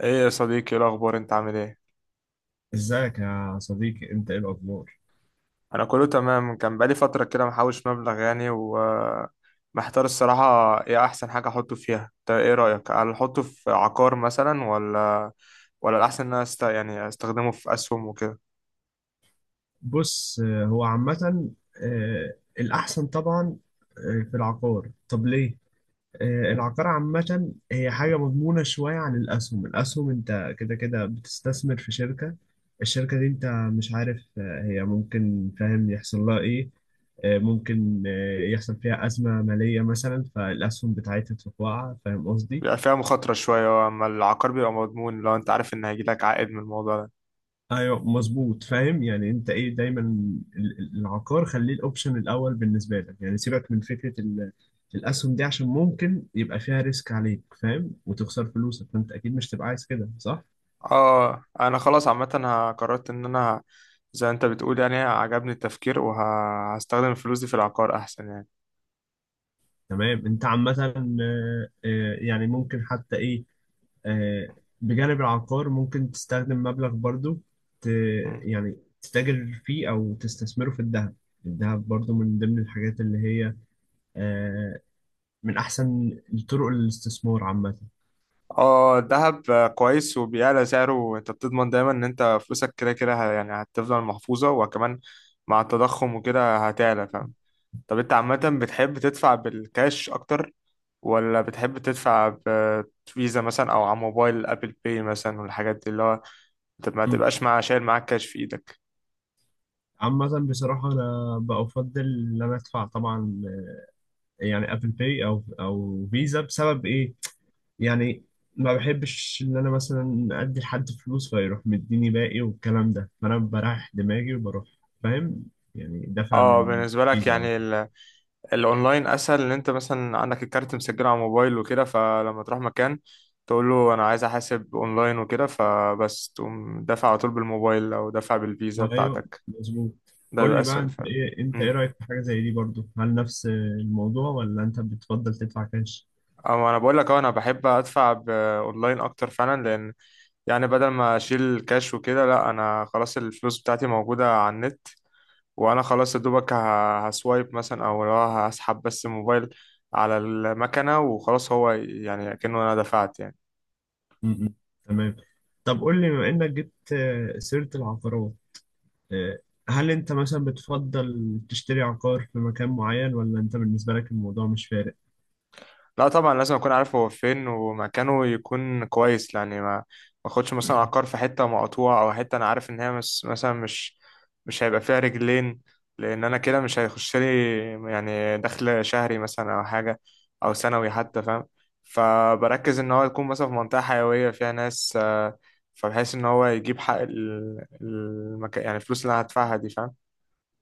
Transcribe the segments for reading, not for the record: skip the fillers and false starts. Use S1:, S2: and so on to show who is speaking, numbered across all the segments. S1: ايه يا صديقي، إيه الاخبار؟ انت عامل ايه؟
S2: ازيك يا صديقي، انت ايه الاخبار؟
S1: انا كله تمام. كان بقالي فتره كده محوش مبلغ يعني، ومحتار الصراحه. ايه احسن حاجه احطه فيها؟ انت ايه رايك؟ هل احطه في عقار مثلا ولا الاحسن ان انا يعني استخدمه في اسهم وكده؟
S2: بص، هو عامة. الأحسن طبعا. في العقار. طب ليه؟ العقار عامة هي حاجة مضمونة شوية عن الأسهم. أنت كده كده بتستثمر في شركة. دي أنت مش عارف هي، ممكن فاهم، يحصل لها إيه. ممكن يحصل فيها أزمة مالية مثلا، فالأسهم بتاعتها تقع، فاهم قصدي؟
S1: بيبقى فيها مخاطره شويه، اما العقار بيبقى مضمون لو انت عارف ان هيجيلك عائد من الموضوع ده.
S2: ايوه، مظبوط. فاهم يعني انت ايه. دايما العقار، خليه الاوبشن الاول بالنسبه لك. يعني سيبك من فكره الاسهم دي، عشان ممكن يبقى فيها ريسك عليك، فاهم، وتخسر فلوسك. فانت اكيد مش تبقى عايز كده، صح؟
S1: اه انا خلاص عامه قررت ان انا زي انت بتقول، يعني عجبني التفكير وهستخدم الفلوس دي في العقار احسن يعني.
S2: تمام. انت عامه يعني ممكن حتى ايه. آه، بجانب العقار، ممكن تستخدم مبلغ برضو، ت
S1: مم.
S2: يعني تتاجر فيه او تستثمره في الذهب. الذهب برضو من ضمن الحاجات اللي هي آه، من احسن طرق الاستثمار عامه.
S1: اه الذهب كويس وبيعلى سعره، انت بتضمن دايما ان انت فلوسك كده كده يعني هتفضل محفوظة، وكمان مع التضخم وكده هتعلى فاهم. طب انت عامة بتحب تدفع بالكاش اكتر، ولا بتحب تدفع بفيزا مثلا او على موبايل ابل باي مثلا والحاجات دي، اللي هو انت ما
S2: مم.
S1: تبقاش مع شايل معاك كاش في ايدك؟
S2: عامة بصراحة أنا بقى أفضل إن أنا أدفع طبعا، يعني أبل باي أو أو فيزا. بسبب إيه؟ يعني ما بحبش إن أنا مثلا أدي لحد فلوس، فيروح مديني باقي والكلام ده. فأنا بريح دماغي وبروح، فاهم؟ يعني دافع
S1: اه
S2: من
S1: بالنسبة لك
S2: فيزا على
S1: يعني
S2: طول.
S1: الاونلاين اسهل، ان انت مثلا عندك الكارت مسجل على الموبايل وكده، فلما تروح مكان تقول له انا عايز احاسب اونلاين وكده فبس تقوم دافع على طول بالموبايل او دافع بالفيزا
S2: أيوه،
S1: بتاعتك.
S2: مظبوط.
S1: ده
S2: قول
S1: بيبقى
S2: لي بقى،
S1: اسهل فعلا.
S2: أنت إيه
S1: امم
S2: رأيك في حاجة زي دي برضو؟ هل نفس الموضوع، ولا أنت بتفضل تدفع كاش؟
S1: اما انا بقول لك اهو، انا بحب ادفع باونلاين اكتر فعلا، لان يعني بدل ما اشيل كاش وكده، لا انا خلاص الفلوس بتاعتي موجودة على النت، وانا خلاص يا دوبك هسوايب مثلا، او لو هسحب بس الموبايل على المكنة وخلاص، هو يعني كأنه انا دفعت يعني.
S2: مم. تمام. طب قول لي، بما إنك جبت سيرة العقارات، آه، هل انت مثلا بتفضل تشتري عقار في مكان معين، ولا انت بالنسبة لك الموضوع مش فارق؟
S1: لا طبعا لازم اكون عارف هو فين، ومكانه يكون كويس يعني. ما اخدش مثلا عقار في حته مقطوعه، او حته انا عارف ان هي مس مثلا مش هيبقى فيها رجلين، لان انا كده مش هيخش لي يعني دخل شهري مثلا او حاجه، او سنوي حتى فاهم. فبركز ان هو يكون مثلا في منطقه حيويه فيها ناس، فبحيث ان هو يجيب حق المكان، يعني الفلوس اللي انا هدفعها دي فاهم.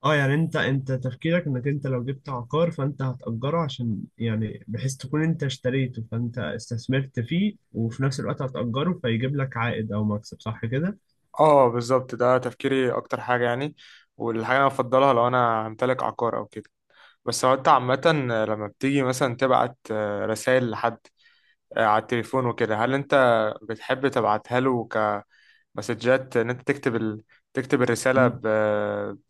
S2: اه، يعني انت، تفكيرك انك انت لو جبت عقار فانت هتأجره، عشان يعني بحيث تكون انت اشتريته، فانت استثمرت فيه وفي نفس الوقت هتأجره فيجيب لك عائد او مكسب، صح كده؟
S1: اه بالظبط ده تفكيري اكتر حاجه يعني، والحاجه اللي انا بفضلها لو انا همتلك عقار او كده. بس هو انت عامة لما بتيجي مثلا تبعت رسائل لحد على التليفون وكده، هل انت بتحب تبعتها له كمسجات ان انت تكتب تكتب الرسالة
S2: مم.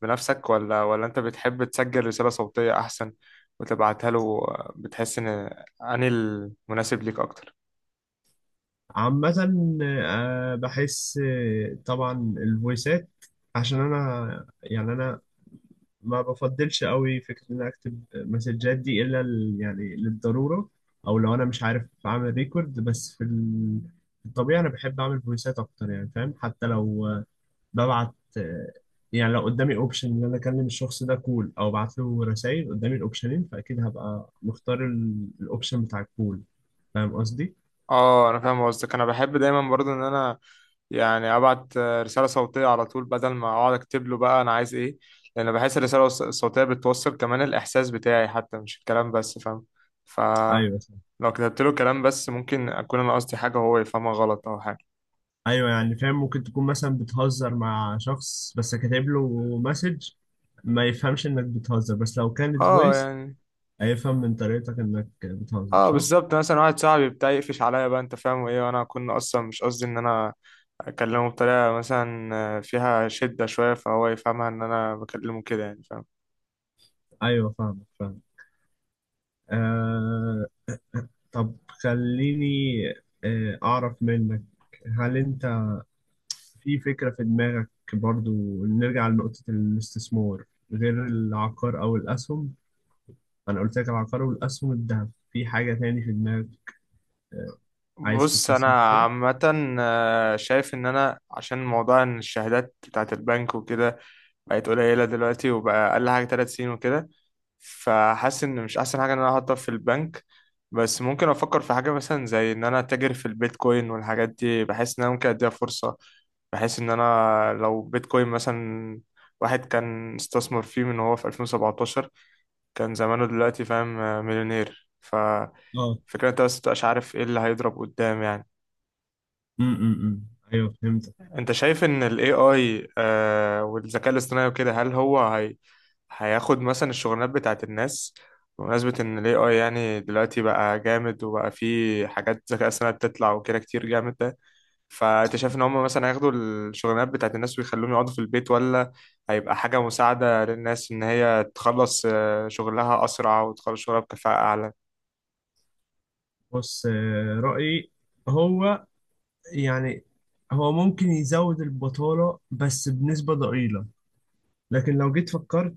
S1: بنفسك، ولا انت بتحب تسجل رسالة صوتية احسن وتبعتها له؟ بتحس ان انهي المناسب ليك اكتر؟
S2: عامة بحس طبعا الفويسات، عشان انا، يعني انا ما بفضلش قوي فكرة إن أنا أكتب مسجات دي إلا يعني للضرورة، أو لو أنا مش عارف أعمل ريكورد، بس في في الطبيعي أنا بحب أعمل فويسات أكتر، يعني فاهم. حتى لو ببعت، يعني لو قدامي أوبشن إن أنا أكلم الشخص ده كول أو أبعت له رسايل، قدامي الأوبشنين فأكيد هبقى مختار الأوبشن بتاع الكول، فاهم قصدي؟
S1: اه انا فاهم قصدك. انا بحب دايما برضو ان انا يعني ابعت رساله صوتيه على طول، بدل ما اقعد اكتب له بقى انا عايز ايه، لان بحس الرساله الصوتيه بتوصل كمان الاحساس بتاعي، حتى مش الكلام بس فاهم. ف
S2: أيوه، صح.
S1: لو كتبت له كلام بس، ممكن اكون انا قصدي حاجه وهو يفهمها غلط او حاجه.
S2: أيوه يعني فاهم. ممكن تكون مثلا بتهزر مع شخص بس كاتب له مسج، ما يفهمش انك بتهزر، بس لو كانت
S1: اه
S2: فويس
S1: يعني.
S2: هيفهم من طريقتك انك بتهزر،
S1: اه
S2: صح؟
S1: بالظبط، مثلا واحد صاحبي بتاع يقفش عليا بقى انت فاهم وايه، وانا كنا اصلا مش قصدي ان انا اكلمه بطريقه مثلا فيها شده شويه، فهو يفهمها ان انا بكلمه كده يعني فاهم.
S2: ايوه، فاهمك فاهم. آه طب خليني اعرف منك، هل انت، في فكرة في دماغك برضو نرجع لنقطة الاستثمار غير العقار او الاسهم؟ انا قلت لك العقار والاسهم، الذهب. في حاجة تاني في دماغك آه عايز
S1: بص
S2: تستثمر
S1: انا
S2: فيها؟
S1: عامه شايف ان انا عشان موضوع ان الشهادات بتاعت البنك وكده بقت قليله دلوقتي، وبقى اقل حاجه 3 سنين وكده، فحاسس ان مش احسن حاجه ان انا احطها في البنك. بس ممكن افكر في حاجه مثلا زي ان انا اتاجر في البيتكوين والحاجات دي، بحس ان انا ممكن اديها فرصه. بحس ان انا لو بيتكوين مثلا، واحد كان استثمر فيه من هو في 2017 كان زمانه دلوقتي فاهم، مليونير.
S2: اه.
S1: فكرة انت بس متبقاش عارف ايه اللي هيضرب قدام يعني.
S2: امم ايوه، فهمتك.
S1: انت شايف ان ال AI والذكاء الاصطناعي وكده، هل هو هي هياخد مثلا الشغلانات بتاعت الناس؟ بمناسبة ان ال AI يعني دلوقتي بقى جامد، وبقى فيه حاجات ذكاء اصطناعي بتطلع وكده كتير جامد ده، فانت شايف ان هم مثلا هياخدوا الشغلانات بتاعت الناس ويخلوهم يقعدوا في البيت، ولا هيبقى حاجة مساعدة للناس ان هي تخلص شغلها اسرع وتخلص شغلها بكفاءة اعلى؟
S2: بص، رأيي هو، يعني، هو ممكن يزود البطالة بس بنسبة ضئيلة. لكن لو جيت فكرت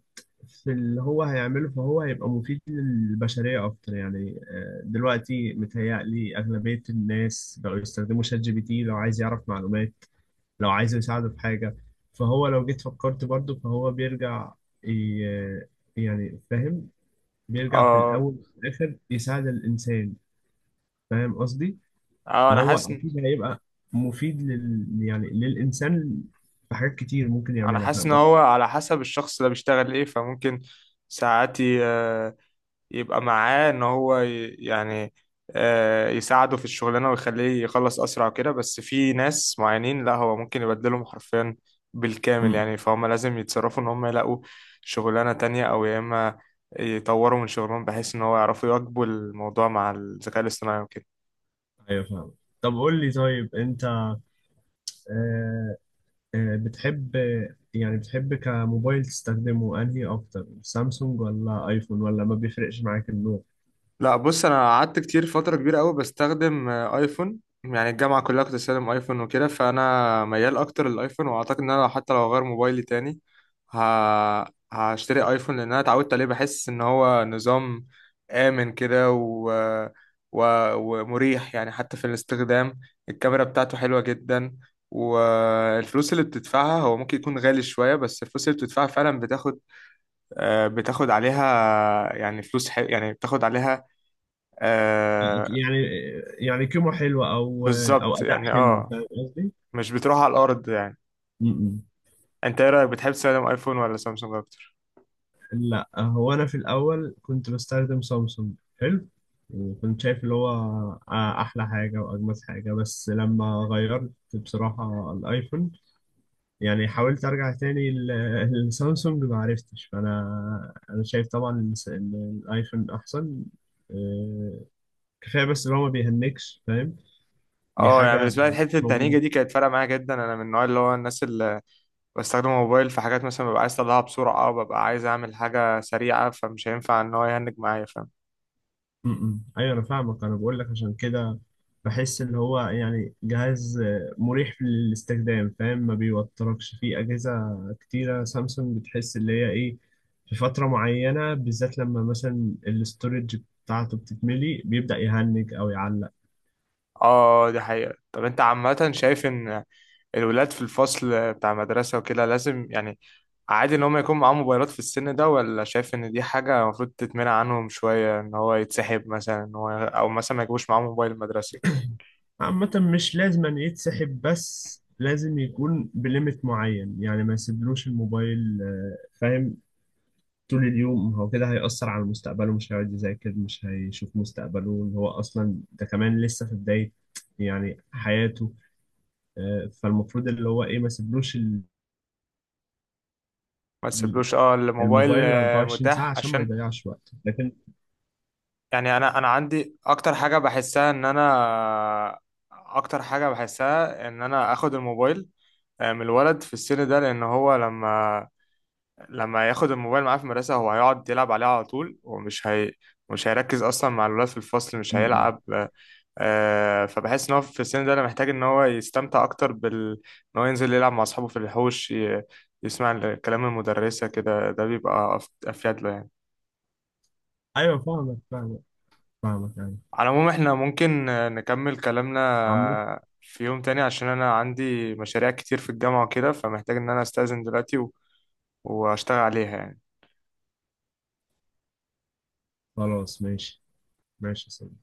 S2: في اللي هو هيعمله، فهو هيبقى مفيد للبشرية أكتر. يعني دلوقتي متهيألي أغلبية الناس بقوا يستخدموا شات جي بي تي لو عايز يعرف معلومات، لو عايز يساعده في حاجة. فهو لو جيت فكرت برضه، فهو بيرجع، ي- يعني فاهم، بيرجع في
S1: اه.
S2: الأول وفي الآخر يساعد الإنسان. فاهم قصدي؟
S1: اه انا
S2: فهو
S1: حاسس.
S2: أكيد هيبقى مفيد يعني للإنسان في حاجات كتير ممكن
S1: انا
S2: يعملها،
S1: حاسس
S2: فاهم
S1: ان هو
S2: قصدي؟
S1: على حسب الشخص اللي بيشتغل ايه، فممكن ساعات يبقى معاه ان هو يعني يساعده في الشغلانه ويخليه يخلص اسرع وكده، بس في ناس معينين لا هو ممكن يبدلهم حرفيا بالكامل يعني، فهم لازم يتصرفوا ان هم يلاقوا شغلانه تانية، او يا اما يطوروا من شغلهم بحيث ان هو يعرفوا يواكبوا الموضوع مع الذكاء الاصطناعي وكده.
S2: ايوه، فاهم. طب قول لي، طيب انت آه، بتحب، يعني بتحب كموبايل تستخدمه انهي اكتر، سامسونج ولا ايفون، ولا ما بيفرقش معاك النوع؟
S1: لا بص انا قعدت كتير فتره كبيره قوي بستخدم ايفون، يعني الجامعه كلها كنت بستخدم ايفون وكده، فانا ميال اكتر للايفون، واعتقد ان انا حتى لو هغير موبايلي تاني ه... هشتري ايفون، لان انا اتعودت عليه. بحس ان هو نظام امن كده و... ومريح يعني حتى في الاستخدام. الكاميرا بتاعته حلوه جدا، والفلوس اللي بتدفعها، هو ممكن يكون غالي شويه بس الفلوس اللي بتدفعها فعلا بتاخد بتاخد عليها يعني فلوس حلو، يعني بتاخد عليها آه.
S2: يعني، كاميرا حلوة، او
S1: بالظبط
S2: اداء
S1: يعني
S2: حلو،
S1: اه.
S2: فاهم قصدي.
S1: مش بتروح على الارض يعني.
S2: م-م.
S1: انت ايه رايك؟ بتحب تستخدم ايفون ولا سامسونج اكتر؟
S2: لا، هو انا في الاول كنت بستخدم سامسونج، حلو، وكنت شايف اللي هو احلى حاجة واجمل حاجة. بس لما غيرت بصراحة الايفون، يعني حاولت ارجع تاني لسامسونج، ما عرفتش. فانا شايف طبعا إن إن الايفون احسن. آه، كفايه بس ان هو ما بيهنكش، فاهم. دي
S1: اه يعني
S2: حاجه
S1: بالنسبه لي حته
S2: مش
S1: التهنيجه
S2: موجوده.
S1: دي كانت فارقه معايا جدا. انا من النوع اللي هو الناس اللي بستخدم موبايل في حاجات مثلا، ببقى عايز اطلعها بسرعه او ببقى عايز اعمل حاجه سريعه، فمش هينفع ان هو يهنج معايا فاهم.
S2: م- م. ايوه، انا فاهمك. انا بقول لك عشان كده، بحس ان هو يعني جهاز مريح في الاستخدام، فاهم، ما بيوتركش. في اجهزه كتيره سامسونج بتحس اللي هي ايه، في فتره معينه بالذات لما مثلا الاستورج بتاعته بتتملي، بيبدا يهنج او يعلق.
S1: اه دي حقيقه. طب انت عامه شايف ان الولاد في الفصل بتاع المدرسة وكده لازم يعني، عادي إن هم يكون معاهم موبايلات في السن ده، ولا شايف إن دي حاجة المفروض تتمنع عنهم شوية، إن هو يتسحب مثلا إن هو، أو مثلا ما يجيبوش معاهم موبايل المدرسة؟
S2: عامة، مش لازم أن يتسحب، بس لازم يكون بليمت معين. يعني ما يسيبلوش الموبايل فاهم، طول اليوم، هو كده هيأثر على مستقبله، مش هيقعد يذاكر، مش هيشوف مستقبله، اللي هو أصلا ده كمان لسه في بداية يعني حياته. فالمفروض اللي هو إيه، ما يسيبلوش
S1: ما تسيبلوش اه الموبايل
S2: الموبايل 24 ساعة،
S1: متاح
S2: عشان ما
S1: عشان
S2: يضيعش وقته، لكن...
S1: يعني. أنا عندي أكتر حاجة بحسها إن أنا، أكتر حاجة بحسها إن أنا آخد الموبايل من الولد في السن ده، لأن هو لما ياخد الموبايل معاه في المدرسة هو هيقعد يلعب عليه على طول، ومش هي مش هيركز أصلا مع الولاد في الفصل، مش
S2: م- م.
S1: هيلعب. آه فبحس إن هو في السن ده أنا محتاج إن هو يستمتع أكتر إن هو ينزل يلعب مع أصحابه في الحوش يسمع كلام المدرسة كده. ده بيبقى أفيد له يعني.
S2: أيوه فاهمك فاهمك فاهمك. أيوه
S1: على العموم إحنا ممكن نكمل كلامنا
S2: عامة،
S1: في يوم تاني، عشان أنا عندي مشاريع كتير في الجامعة وكده، فمحتاج إن أنا أستأذن دلوقتي وأشتغل عليها يعني.
S2: خلاص ماشي. ماشي يا سيدي.